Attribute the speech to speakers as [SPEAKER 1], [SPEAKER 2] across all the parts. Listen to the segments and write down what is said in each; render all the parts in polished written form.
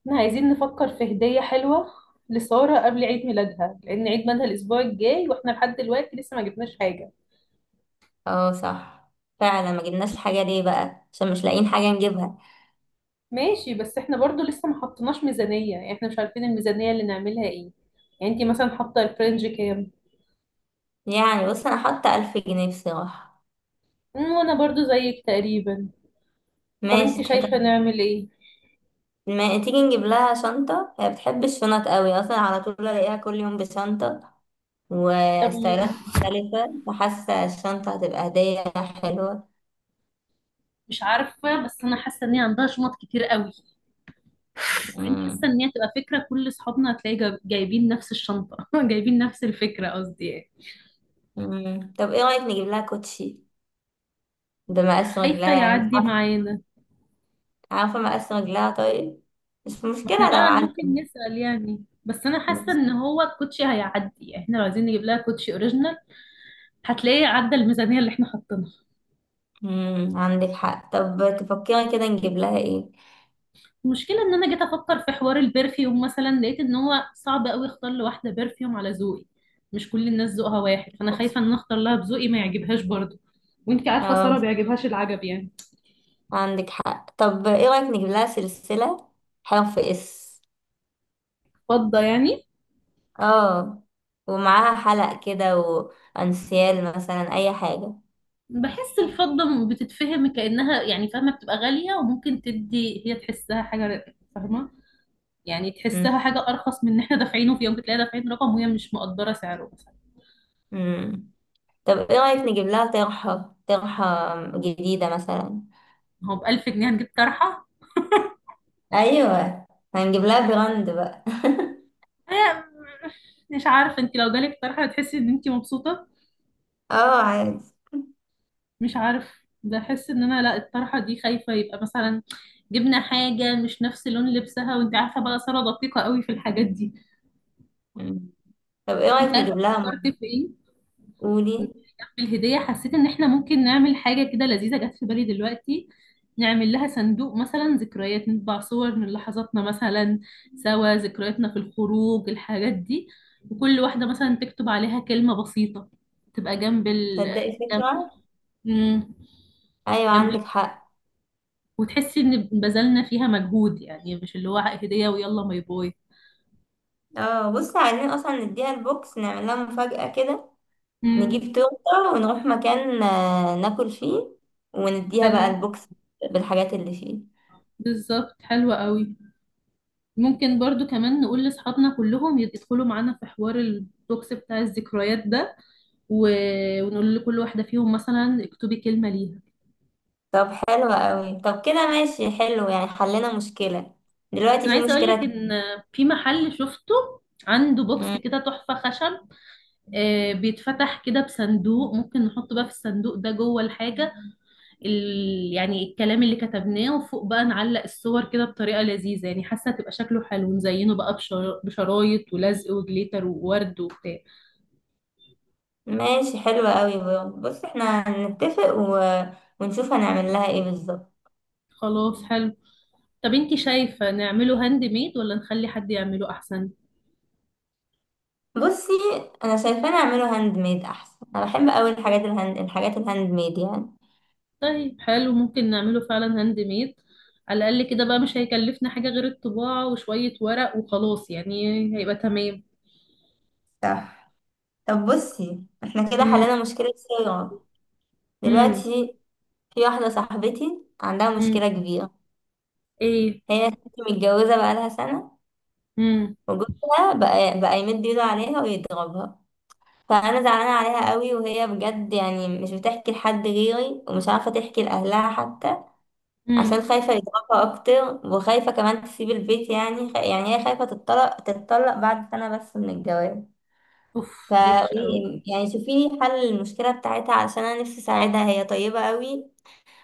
[SPEAKER 1] احنا عايزين نفكر في هدية حلوة لسارة قبل عيد ميلادها لأن عيد ميلادها الأسبوع الجاي وإحنا لحد دلوقتي لسه ما جبناش حاجة.
[SPEAKER 2] اه صح. فعلا ما جبناش الحاجة دي بقى عشان مش لاقيين حاجة نجيبها.
[SPEAKER 1] ماشي، بس إحنا برضو لسه ما حطيناش ميزانية، يعني إحنا مش عارفين الميزانية اللي نعملها إيه. يعني أنتي مثلا حاطة الفرنج كام؟
[SPEAKER 2] يعني بص انا حاطة 1000 جنيه بصراحة.
[SPEAKER 1] وأنا برضو زيك تقريبا. طب
[SPEAKER 2] ماشي
[SPEAKER 1] أنتي
[SPEAKER 2] تحت.
[SPEAKER 1] شايفة نعمل إيه؟
[SPEAKER 2] ما تيجي نجيب لها شنطة، هي بتحب الشنط قوي اصلا، على طول الاقيها كل يوم بشنطة
[SPEAKER 1] طب
[SPEAKER 2] وستايلات مختلفة، فحاسة الشنطة هتبقى هدية حلوة.
[SPEAKER 1] مش عارفة، بس أنا حاسة إن هي عندها شنط كتير قوي. وبعدين حاسة
[SPEAKER 2] مم.
[SPEAKER 1] إن هي تبقى فكرة كل أصحابنا هتلاقي جايبين نفس الشنطة جايبين نفس الفكرة قصدي يعني.
[SPEAKER 2] مم. طب ايه رأيك نجيب لها كوتشي بمقاس
[SPEAKER 1] خايفة
[SPEAKER 2] رجلها، انت
[SPEAKER 1] يعدي
[SPEAKER 2] عارفة؟
[SPEAKER 1] معانا.
[SPEAKER 2] عارفة مقاس رجلها طيب، مش
[SPEAKER 1] ما احنا
[SPEAKER 2] مشكلة لو
[SPEAKER 1] بقى
[SPEAKER 2] عندك.
[SPEAKER 1] ممكن نسأل يعني، بس انا حاسة
[SPEAKER 2] بس.
[SPEAKER 1] ان هو الكوتشي هيعدي، يعني احنا لو عايزين نجيب لها كوتشي اوريجينال هتلاقيه عدى الميزانية اللي احنا حاطينها.
[SPEAKER 2] مم. عندك حق. طب تفكري كده نجيب لها ايه؟
[SPEAKER 1] المشكلة ان انا جيت افكر في حوار البرفيوم مثلا لقيت ان هو صعب قوي اختار لواحدة برفيوم على ذوقي. مش كل الناس ذوقها واحد، فانا خايفة ان اختار لها بذوقي ما يعجبهاش برضه. وانت عارفة سارة
[SPEAKER 2] اه
[SPEAKER 1] بيعجبهاش العجب يعني.
[SPEAKER 2] عندك حق. طب ايه رأيك نجيب لها سلسلة حرف اس؟
[SPEAKER 1] فضة يعني؟
[SPEAKER 2] اه، ومعاها حلق كده وانسيال مثلا، اي حاجة.
[SPEAKER 1] بحس الفضة بتتفهم كأنها يعني فاهمة، بتبقى غالية وممكن تدي هي تحسها حاجة فاهمة. يعني
[SPEAKER 2] مم.
[SPEAKER 1] تحسها حاجة أرخص من إن إحنا دافعينه، في يوم بتلاقي دافعين رقم وهي مش مقدرة سعره مثلا.
[SPEAKER 2] مم. طب ايه رأيك نجيب لها طرحة جديدة مثلا؟
[SPEAKER 1] هو ب1000 جنيه هنجيب طرحة؟
[SPEAKER 2] ايوه، هنجيب لها براند بقى.
[SPEAKER 1] آه، مش عارفة، أنت لو جالك طرحة هتحسي إن أنت مبسوطة؟
[SPEAKER 2] اه عادي.
[SPEAKER 1] مش عارف، بحس إن أنا لا، الطرحة دي خايفة يبقى مثلا جبنا حاجة مش نفس لون لبسها، وأنت عارفة بقى سارة دقيقة قوي في الحاجات دي.
[SPEAKER 2] مم. طب ايه
[SPEAKER 1] أنت
[SPEAKER 2] رأيك
[SPEAKER 1] عارفة
[SPEAKER 2] نجيب لها
[SPEAKER 1] فكرت في إيه؟
[SPEAKER 2] قولي.
[SPEAKER 1] الهدية، حسيت ان احنا ممكن نعمل حاجة كده لذيذة، جت في بالي دلوقتي. نعمل لها صندوق مثلا ذكريات، نطبع صور من لحظاتنا مثلا سوا، ذكرياتنا في الخروج الحاجات دي. وكل واحدة مثلا تكتب عليها كلمة بسيطة، تبقى جنب ال.
[SPEAKER 2] تصدقي
[SPEAKER 1] جنب.
[SPEAKER 2] فكرة.
[SPEAKER 1] مم.
[SPEAKER 2] ايوه
[SPEAKER 1] جنب ال.
[SPEAKER 2] عندك حق.
[SPEAKER 1] وتحسي ان بذلنا فيها مجهود، يعني مش اللي هو هدية ويلا باي باي.
[SPEAKER 2] اه بصي، عايزين اصلا نديها البوكس، نعمل لها مفاجأة كده. نجيب
[SPEAKER 1] مم.
[SPEAKER 2] تورته ونروح مكان ناكل فيه، ونديها بقى
[SPEAKER 1] حلو.
[SPEAKER 2] البوكس بالحاجات اللي فيه.
[SPEAKER 1] بالظبط، حلوة قوي. ممكن برضو كمان نقول لأصحابنا كلهم يدخلوا معانا في حوار البوكس بتاع الذكريات ده و... ونقول لكل واحدة فيهم مثلا اكتبي كلمة ليها.
[SPEAKER 2] طب حلو قوي. طب كده ماشي، حلو يعني، حلنا مشكلة. دلوقتي
[SPEAKER 1] أنا
[SPEAKER 2] في
[SPEAKER 1] عايزة أقول
[SPEAKER 2] مشكلة
[SPEAKER 1] لك
[SPEAKER 2] تانية.
[SPEAKER 1] إن في محل شفته عنده بوكس
[SPEAKER 2] مم.
[SPEAKER 1] كده تحفة خشب. بيتفتح كده بصندوق، ممكن نحط بقى في الصندوق ده جوه الحاجة يعني الكلام اللي كتبناه، وفوق بقى نعلق الصور كده بطريقة لذيذة، يعني حاسة تبقى شكله حلو، نزينه بقى بشرايط ولزق وجليتر وورد وبتاع.
[SPEAKER 2] ماشي حلو قوي، برافو. بص احنا هنتفق ونشوف هنعمل لها ايه بالظبط.
[SPEAKER 1] خلاص حلو. طب انتي شايفة نعمله هاند ميد ولا نخلي حد يعمله احسن؟
[SPEAKER 2] بصي، انا شايفة نعمله هاند ميد احسن، انا بحب قوي الحاجات الهاند ميد يعني.
[SPEAKER 1] طيب حلو، ممكن نعمله فعلا هاند ميد، على الاقل كده بقى مش هيكلفنا حاجة غير الطباعة وشوية ورق وخلاص يعني. هيبقى تمام.
[SPEAKER 2] صح. طب بصي احنا كده
[SPEAKER 1] امم.
[SPEAKER 2] حلينا مشكلة صيغة،
[SPEAKER 1] امم.
[SPEAKER 2] دلوقتي في واحدة صاحبتي عندها
[SPEAKER 1] امم.
[SPEAKER 2] مشكلة كبيرة.
[SPEAKER 1] ايه؟
[SPEAKER 2] هي ست متجوزة بقالها سنة،
[SPEAKER 1] امم.
[SPEAKER 2] وجوزها بقى يمد ايده عليها ويضربها. فأنا زعلانة عليها قوي، وهي بجد يعني مش بتحكي لحد غيري، ومش عارفة تحكي لأهلها حتى،
[SPEAKER 1] امم.
[SPEAKER 2] عشان خايفة يضربها أكتر، وخايفة كمان تسيب البيت. يعني يعني هي خايفة تتطلق بعد سنة بس من الجواز.
[SPEAKER 1] اوف، دي وحشة قوي.
[SPEAKER 2] فقولي يعني شوفي لي حل المشكلة بتاعتها، علشان أنا نفسي أساعدها، هي طيبة قوي.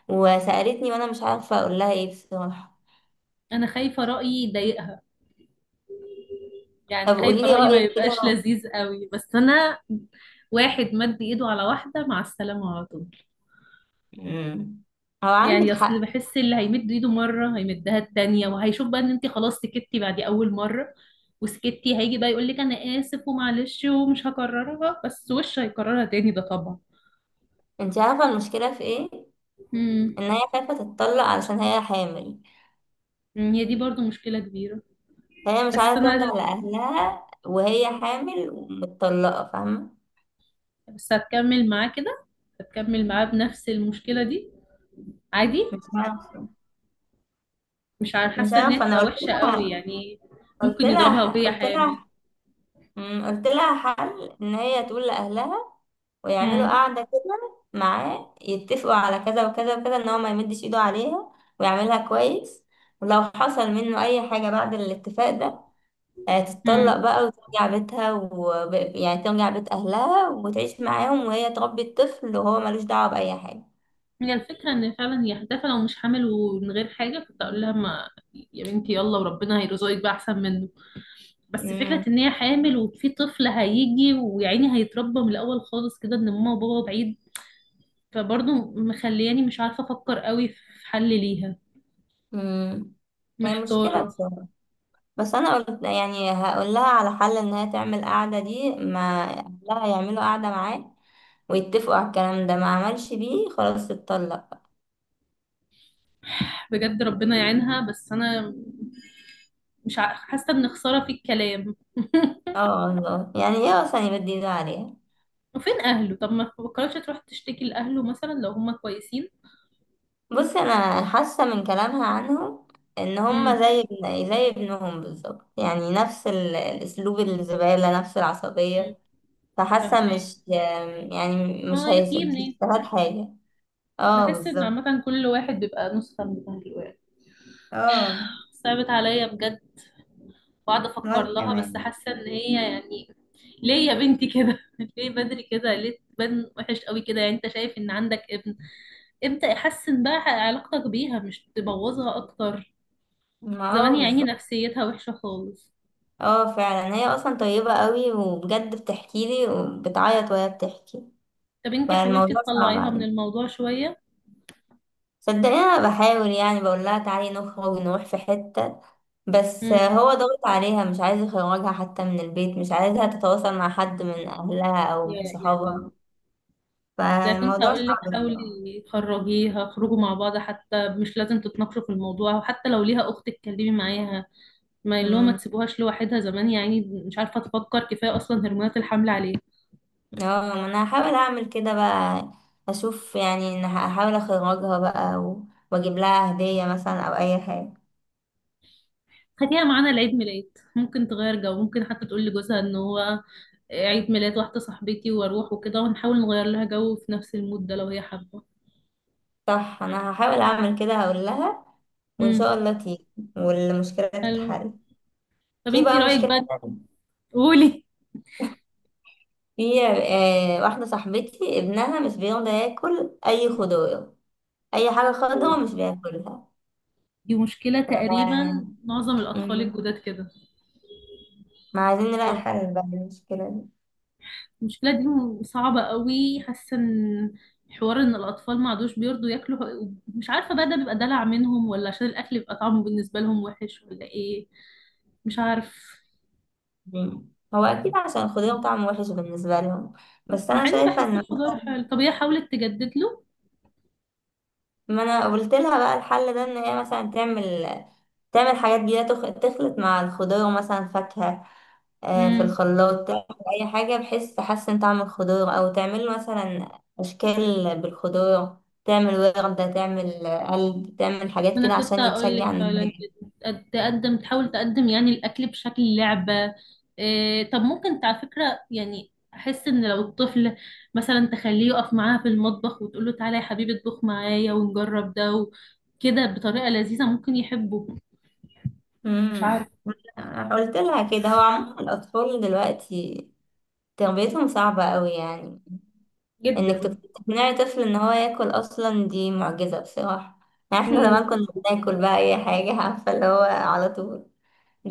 [SPEAKER 2] وسألتني وأنا مش عارفة أقول لها إيه بصراحة.
[SPEAKER 1] انا خايفة رأيي يضايقها، يعني
[SPEAKER 2] طب قولي
[SPEAKER 1] خايفة
[SPEAKER 2] لي
[SPEAKER 1] رأيي ما
[SPEAKER 2] رأيك
[SPEAKER 1] يبقاش
[SPEAKER 2] كده.
[SPEAKER 1] لذيذ قوي، بس انا واحد مد ايده على واحدة مع السلامة على طول.
[SPEAKER 2] مم. هو
[SPEAKER 1] يعني
[SPEAKER 2] عندك
[SPEAKER 1] اصل
[SPEAKER 2] حق.
[SPEAKER 1] بحس اللي هيمد ايده مره هيمدها التانية، وهيشوف بقى ان انت خلاص سكتي بعد اول مره، وسكتي هيجي بقى يقول لك انا اسف ومعلش ومش هكررها، بس وش هيكررها تاني ده طبعا.
[SPEAKER 2] انت عارفة المشكلة في ايه؟
[SPEAKER 1] امم.
[SPEAKER 2] ان هي خايفة تتطلق علشان هي حامل.
[SPEAKER 1] هي دي برضو مشكلة كبيرة.
[SPEAKER 2] فهي مش
[SPEAKER 1] بس
[SPEAKER 2] عارفة ترجع
[SPEAKER 1] انا،
[SPEAKER 2] لأهلها وهي حامل ومتطلقة، فاهمة؟
[SPEAKER 1] بس هتكمل معاه كده، هتكمل معاه بنفس المشكلة دي؟ عادي.
[SPEAKER 2] مش عارفة
[SPEAKER 1] مش عارفة-
[SPEAKER 2] مش
[SPEAKER 1] حاسة ان هي
[SPEAKER 2] عارفة انا
[SPEAKER 1] تبقى
[SPEAKER 2] قلت
[SPEAKER 1] وحشة قوي
[SPEAKER 2] لها
[SPEAKER 1] يعني.
[SPEAKER 2] قلت
[SPEAKER 1] ممكن يضربها
[SPEAKER 2] لها
[SPEAKER 1] وهي
[SPEAKER 2] قلت
[SPEAKER 1] حامل.
[SPEAKER 2] لها مم، قلت لها حل، ان هي تقول لأهلها، ويعملوا قعدة كده معاه، يتفقوا على كذا وكذا وكذا، ان هو ما يمدش ايده عليها ويعملها كويس. ولو حصل منه اي حاجة بعد الاتفاق ده،
[SPEAKER 1] امم.
[SPEAKER 2] تتطلق بقى وترجع بيتها يعني ترجع بيت أهلها وتعيش معاهم، وهي تربي الطفل وهو ملوش دعوة بأي حاجة.
[SPEAKER 1] هي الفكرة ان فعلا هي هتافهة لو مش حامل، ومن غير حاجة كنت اقول لها ما، يا بنتي يلا وربنا هيرزقك بقى احسن منه. بس فكرة
[SPEAKER 2] مم.
[SPEAKER 1] ان هي حامل وفي طفل هيجي، ويعني هيتربى من الاول خالص كده، ان ماما وبابا بعيد. فبرضه مخلياني مش عارفة افكر قوي في حل ليها.
[SPEAKER 2] مم. هي مشكلة
[SPEAKER 1] محتارة.
[SPEAKER 2] بصراحة. بس أنا قلت يعني هقول لها على حل، إن هي تعمل قعدة دي، ما أهلها يعملوا قعدة معاه، ويتفقوا على الكلام ده. ما عملش بيه، خلاص تتطلق.
[SPEAKER 1] بجد ربنا يعينها، بس انا مش ع- حاسة ان خسارة في الكلام
[SPEAKER 2] اه والله، يعني هي أصلا يبدي إيده عليها.
[SPEAKER 1] وفين اهله؟ طب ما فكرتش تروح تشتكي لاهله مثلا لو هما كويسين؟
[SPEAKER 2] بص انا حاسه من كلامها عنهم، ان هم
[SPEAKER 1] امم.
[SPEAKER 2] زي ابنهم بالظبط، يعني نفس الاسلوب الزباله، نفس العصبيه. فحاسه
[SPEAKER 1] فاهمة.
[SPEAKER 2] مش يعني،
[SPEAKER 1] اه، يا في
[SPEAKER 2] مش
[SPEAKER 1] منين.
[SPEAKER 2] هيستفاد حاجه. اه
[SPEAKER 1] بحس ان
[SPEAKER 2] بالظبط.
[SPEAKER 1] عامة كل واحد بيبقى نسخة من الواحد.
[SPEAKER 2] اه،
[SPEAKER 1] صعبت عليا بجد. بقعد افكر
[SPEAKER 2] وانا
[SPEAKER 1] لها، بس
[SPEAKER 2] كمان.
[SPEAKER 1] حاسة ان هي يعني ليه يا بنتي كده ليه بدري كده، ليه تبان وحش قوي كده، يعني انت شايف ان عندك ابن ابدأ احسن بقى علاقتك بيها مش تبوظها اكتر.
[SPEAKER 2] ما
[SPEAKER 1] زمان
[SPEAKER 2] اه
[SPEAKER 1] يا عيني
[SPEAKER 2] بالظبط.
[SPEAKER 1] نفسيتها وحشة خالص.
[SPEAKER 2] اه فعلا، هي اصلا طيبه قوي، وبجد بتحكي لي وبتعيط وهي بتحكي.
[SPEAKER 1] طب انت حاولتي
[SPEAKER 2] فالموضوع صعب
[SPEAKER 1] تطلعيها من
[SPEAKER 2] عليها.
[SPEAKER 1] الموضوع شوية؟
[SPEAKER 2] صدقني انا بحاول، يعني بقول لها تعالي نخرج نروح في حتة، بس
[SPEAKER 1] امم.
[SPEAKER 2] هو ضغط عليها، مش عايز يخرجها حتى من البيت، مش عايزها تتواصل مع حد من اهلها او
[SPEAKER 1] يا
[SPEAKER 2] من
[SPEAKER 1] إله إلا الله.
[SPEAKER 2] صحابها.
[SPEAKER 1] ده كنت
[SPEAKER 2] فالموضوع
[SPEAKER 1] هقول لك
[SPEAKER 2] صعب
[SPEAKER 1] حاولي
[SPEAKER 2] بصراحة.
[SPEAKER 1] تخرجيها، اخرجوا مع بعض، حتى مش لازم تتناقشوا في الموضوع، وحتى لو ليها اخت اتكلمي معاها. ما اللي هو ما
[SPEAKER 2] أمم.
[SPEAKER 1] تسيبوهاش لوحدها زمان يعني. مش عارفه تفكر كفايه، اصلا هرمونات الحمل عليها.
[SPEAKER 2] اه، ما انا هحاول اعمل كده بقى، اشوف، يعني ان هحاول اخرجها بقى واجيب لها هدية مثلا او اي حاجة.
[SPEAKER 1] خديها معانا لعيد ميلاد، ممكن تغير جو، ممكن حتى تقول لجوزها ان هو عيد ميلاد واحده صاحبتي واروح وكده، ونحاول نغير لها جو في نفس المود ده لو هي حابه.
[SPEAKER 2] صح، انا هحاول اعمل كده، هقول لها، وان شاء
[SPEAKER 1] امم.
[SPEAKER 2] الله تيجي والمشكلة
[SPEAKER 1] حلو.
[SPEAKER 2] تتحل.
[SPEAKER 1] طب
[SPEAKER 2] في
[SPEAKER 1] انتي
[SPEAKER 2] بقى
[SPEAKER 1] رايك
[SPEAKER 2] مشكلة.
[SPEAKER 1] بقى؟ قولي.
[SPEAKER 2] في واحدة صاحبتي ابنها مش بيرضى ياكل أي خضار، أي حاجة خضرا مش بياكلها.
[SPEAKER 1] دي مشكله
[SPEAKER 2] آه.
[SPEAKER 1] تقريبا معظم الاطفال
[SPEAKER 2] مم.
[SPEAKER 1] الجداد كده.
[SPEAKER 2] ما عايزين نلاقي حل بقى للمشكلة دي.
[SPEAKER 1] المشكلة دي صعبة قوي، حاسة ان حوار ان الاطفال ما عادوش بيرضوا ياكلوا، مش عارفة بقى ده بيبقى دلع منهم ولا عشان الاكل بيبقى طعمه بالنسبة لهم وحش، ولا ايه؟ مش عارف.
[SPEAKER 2] مم. هو أكيد عشان الخضار طعمه وحش بالنسبة لهم. بس
[SPEAKER 1] مع
[SPEAKER 2] أنا
[SPEAKER 1] اني
[SPEAKER 2] شايفة
[SPEAKER 1] بحس
[SPEAKER 2] إن،
[SPEAKER 1] الخضار حلو، طب هي حاولت تجدد له؟
[SPEAKER 2] ما أنا قلت لها بقى الحل ده، إن هي مثلا تعمل حاجات جديدة، تخلط مع الخضار مثلا فاكهة في الخلاط، تعمل اي حاجه بحيث تحسن طعم الخضار، او تعمل مثلا اشكال بالخضار، تعمل وردة، تعمل قلب، تعمل
[SPEAKER 1] ما
[SPEAKER 2] حاجات كده
[SPEAKER 1] انا كنت
[SPEAKER 2] عشان
[SPEAKER 1] اقول
[SPEAKER 2] يتشجع
[SPEAKER 1] لك فعلا
[SPEAKER 2] النهاية.
[SPEAKER 1] كده. تقدم، تحاول تقدم يعني الاكل بشكل لعبه. إيه، طب ممكن على فكره يعني، احس ان لو الطفل مثلا تخليه يقف معاها في المطبخ، وتقول له تعالى يا حبيبي اطبخ معايا، ونجرب ده وكده بطريقه لذيذه ممكن يحبه. مش عارف.
[SPEAKER 2] امم. قلت لها كده. هو عموما الاطفال دلوقتي تربيتهم صعبه قوي، يعني انك
[SPEAKER 1] جدا.
[SPEAKER 2] تقنعي طفل ان هو ياكل اصلا دي معجزه بصراحه. يعني احنا
[SPEAKER 1] مم.
[SPEAKER 2] زمان كنا بناكل بقى اي حاجه، عارفه اللي هو على طول.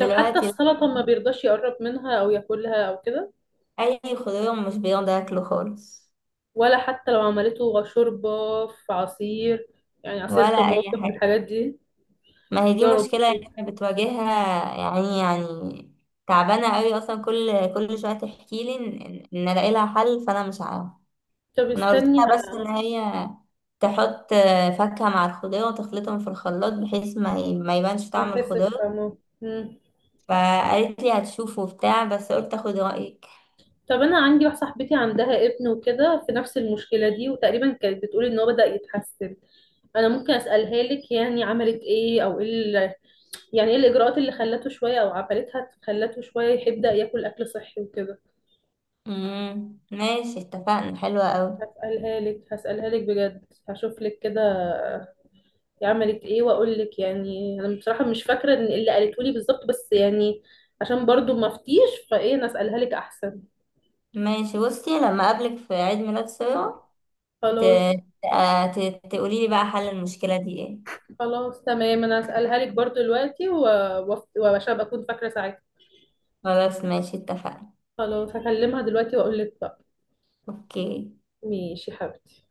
[SPEAKER 1] طب حتى
[SPEAKER 2] لا.
[SPEAKER 1] السلطة ما بيرضاش يقرب منها أو ياكلها أو كده؟
[SPEAKER 2] اي خضار مش بيرضى ياكله خالص،
[SPEAKER 1] ولا حتى لو عملته شوربة؟ في عصير؟ يعني عصير
[SPEAKER 2] ولا اي
[SPEAKER 1] طماطم
[SPEAKER 2] حاجه.
[SPEAKER 1] والحاجات دي.
[SPEAKER 2] ما هي دي
[SPEAKER 1] يا
[SPEAKER 2] مشكله
[SPEAKER 1] ربي.
[SPEAKER 2] احنا بتواجهها يعني، تعبانه قوي اصلا، كل شويه تحكي لي ان الاقي لها حل، فانا مش عارفه.
[SPEAKER 1] طب
[SPEAKER 2] انا قلت
[SPEAKER 1] استني،
[SPEAKER 2] لها بس ان هي تحط فاكهه مع الخضار، وتخلطهم في الخلاط بحيث ما يبانش
[SPEAKER 1] ما
[SPEAKER 2] طعم
[SPEAKER 1] تحسش
[SPEAKER 2] الخضار.
[SPEAKER 1] فاهمة. مم.
[SPEAKER 2] فقالت لي هتشوفه وبتاع، بس قلت اخد رايك.
[SPEAKER 1] طب أنا عندي واحدة صاحبتي عندها ابن وكده في نفس المشكلة دي، وتقريبا كانت بتقول إن هو بدأ يتحسن. أنا ممكن أسألها لك، يعني عملت إيه أو إيه يعني إيه الإجراءات اللي خلته شوية أو عملتها خلته شوية يبدأ ياكل أكل صحي وكده.
[SPEAKER 2] امم، ماشي اتفقنا، حلوه قوي.
[SPEAKER 1] هسألها لك بجد، هشوف لك كده هي عملت إيه وأقول لك. يعني أنا بصراحة مش فاكرة إن اللي قالته لي بالظبط، بس يعني عشان برضو ما أفتيش، فإيه أنا أسألها لك أحسن.
[SPEAKER 2] ماشي بصي، لما اقابلك في عيد ميلاد ساره، ت-
[SPEAKER 1] خلاص.
[SPEAKER 2] تقولي لي بقى حل المشكله دي ايه.
[SPEAKER 1] خلاص تمام، انا هسألها لك برضو دلوقتي وعشان ابقى اكون فاكرة ساعتها.
[SPEAKER 2] خلاص، ماشي اتفقنا.
[SPEAKER 1] خلاص هكلمها دلوقتي واقول لك بقى.
[SPEAKER 2] اوكي.
[SPEAKER 1] ماشي يا حبيبتي.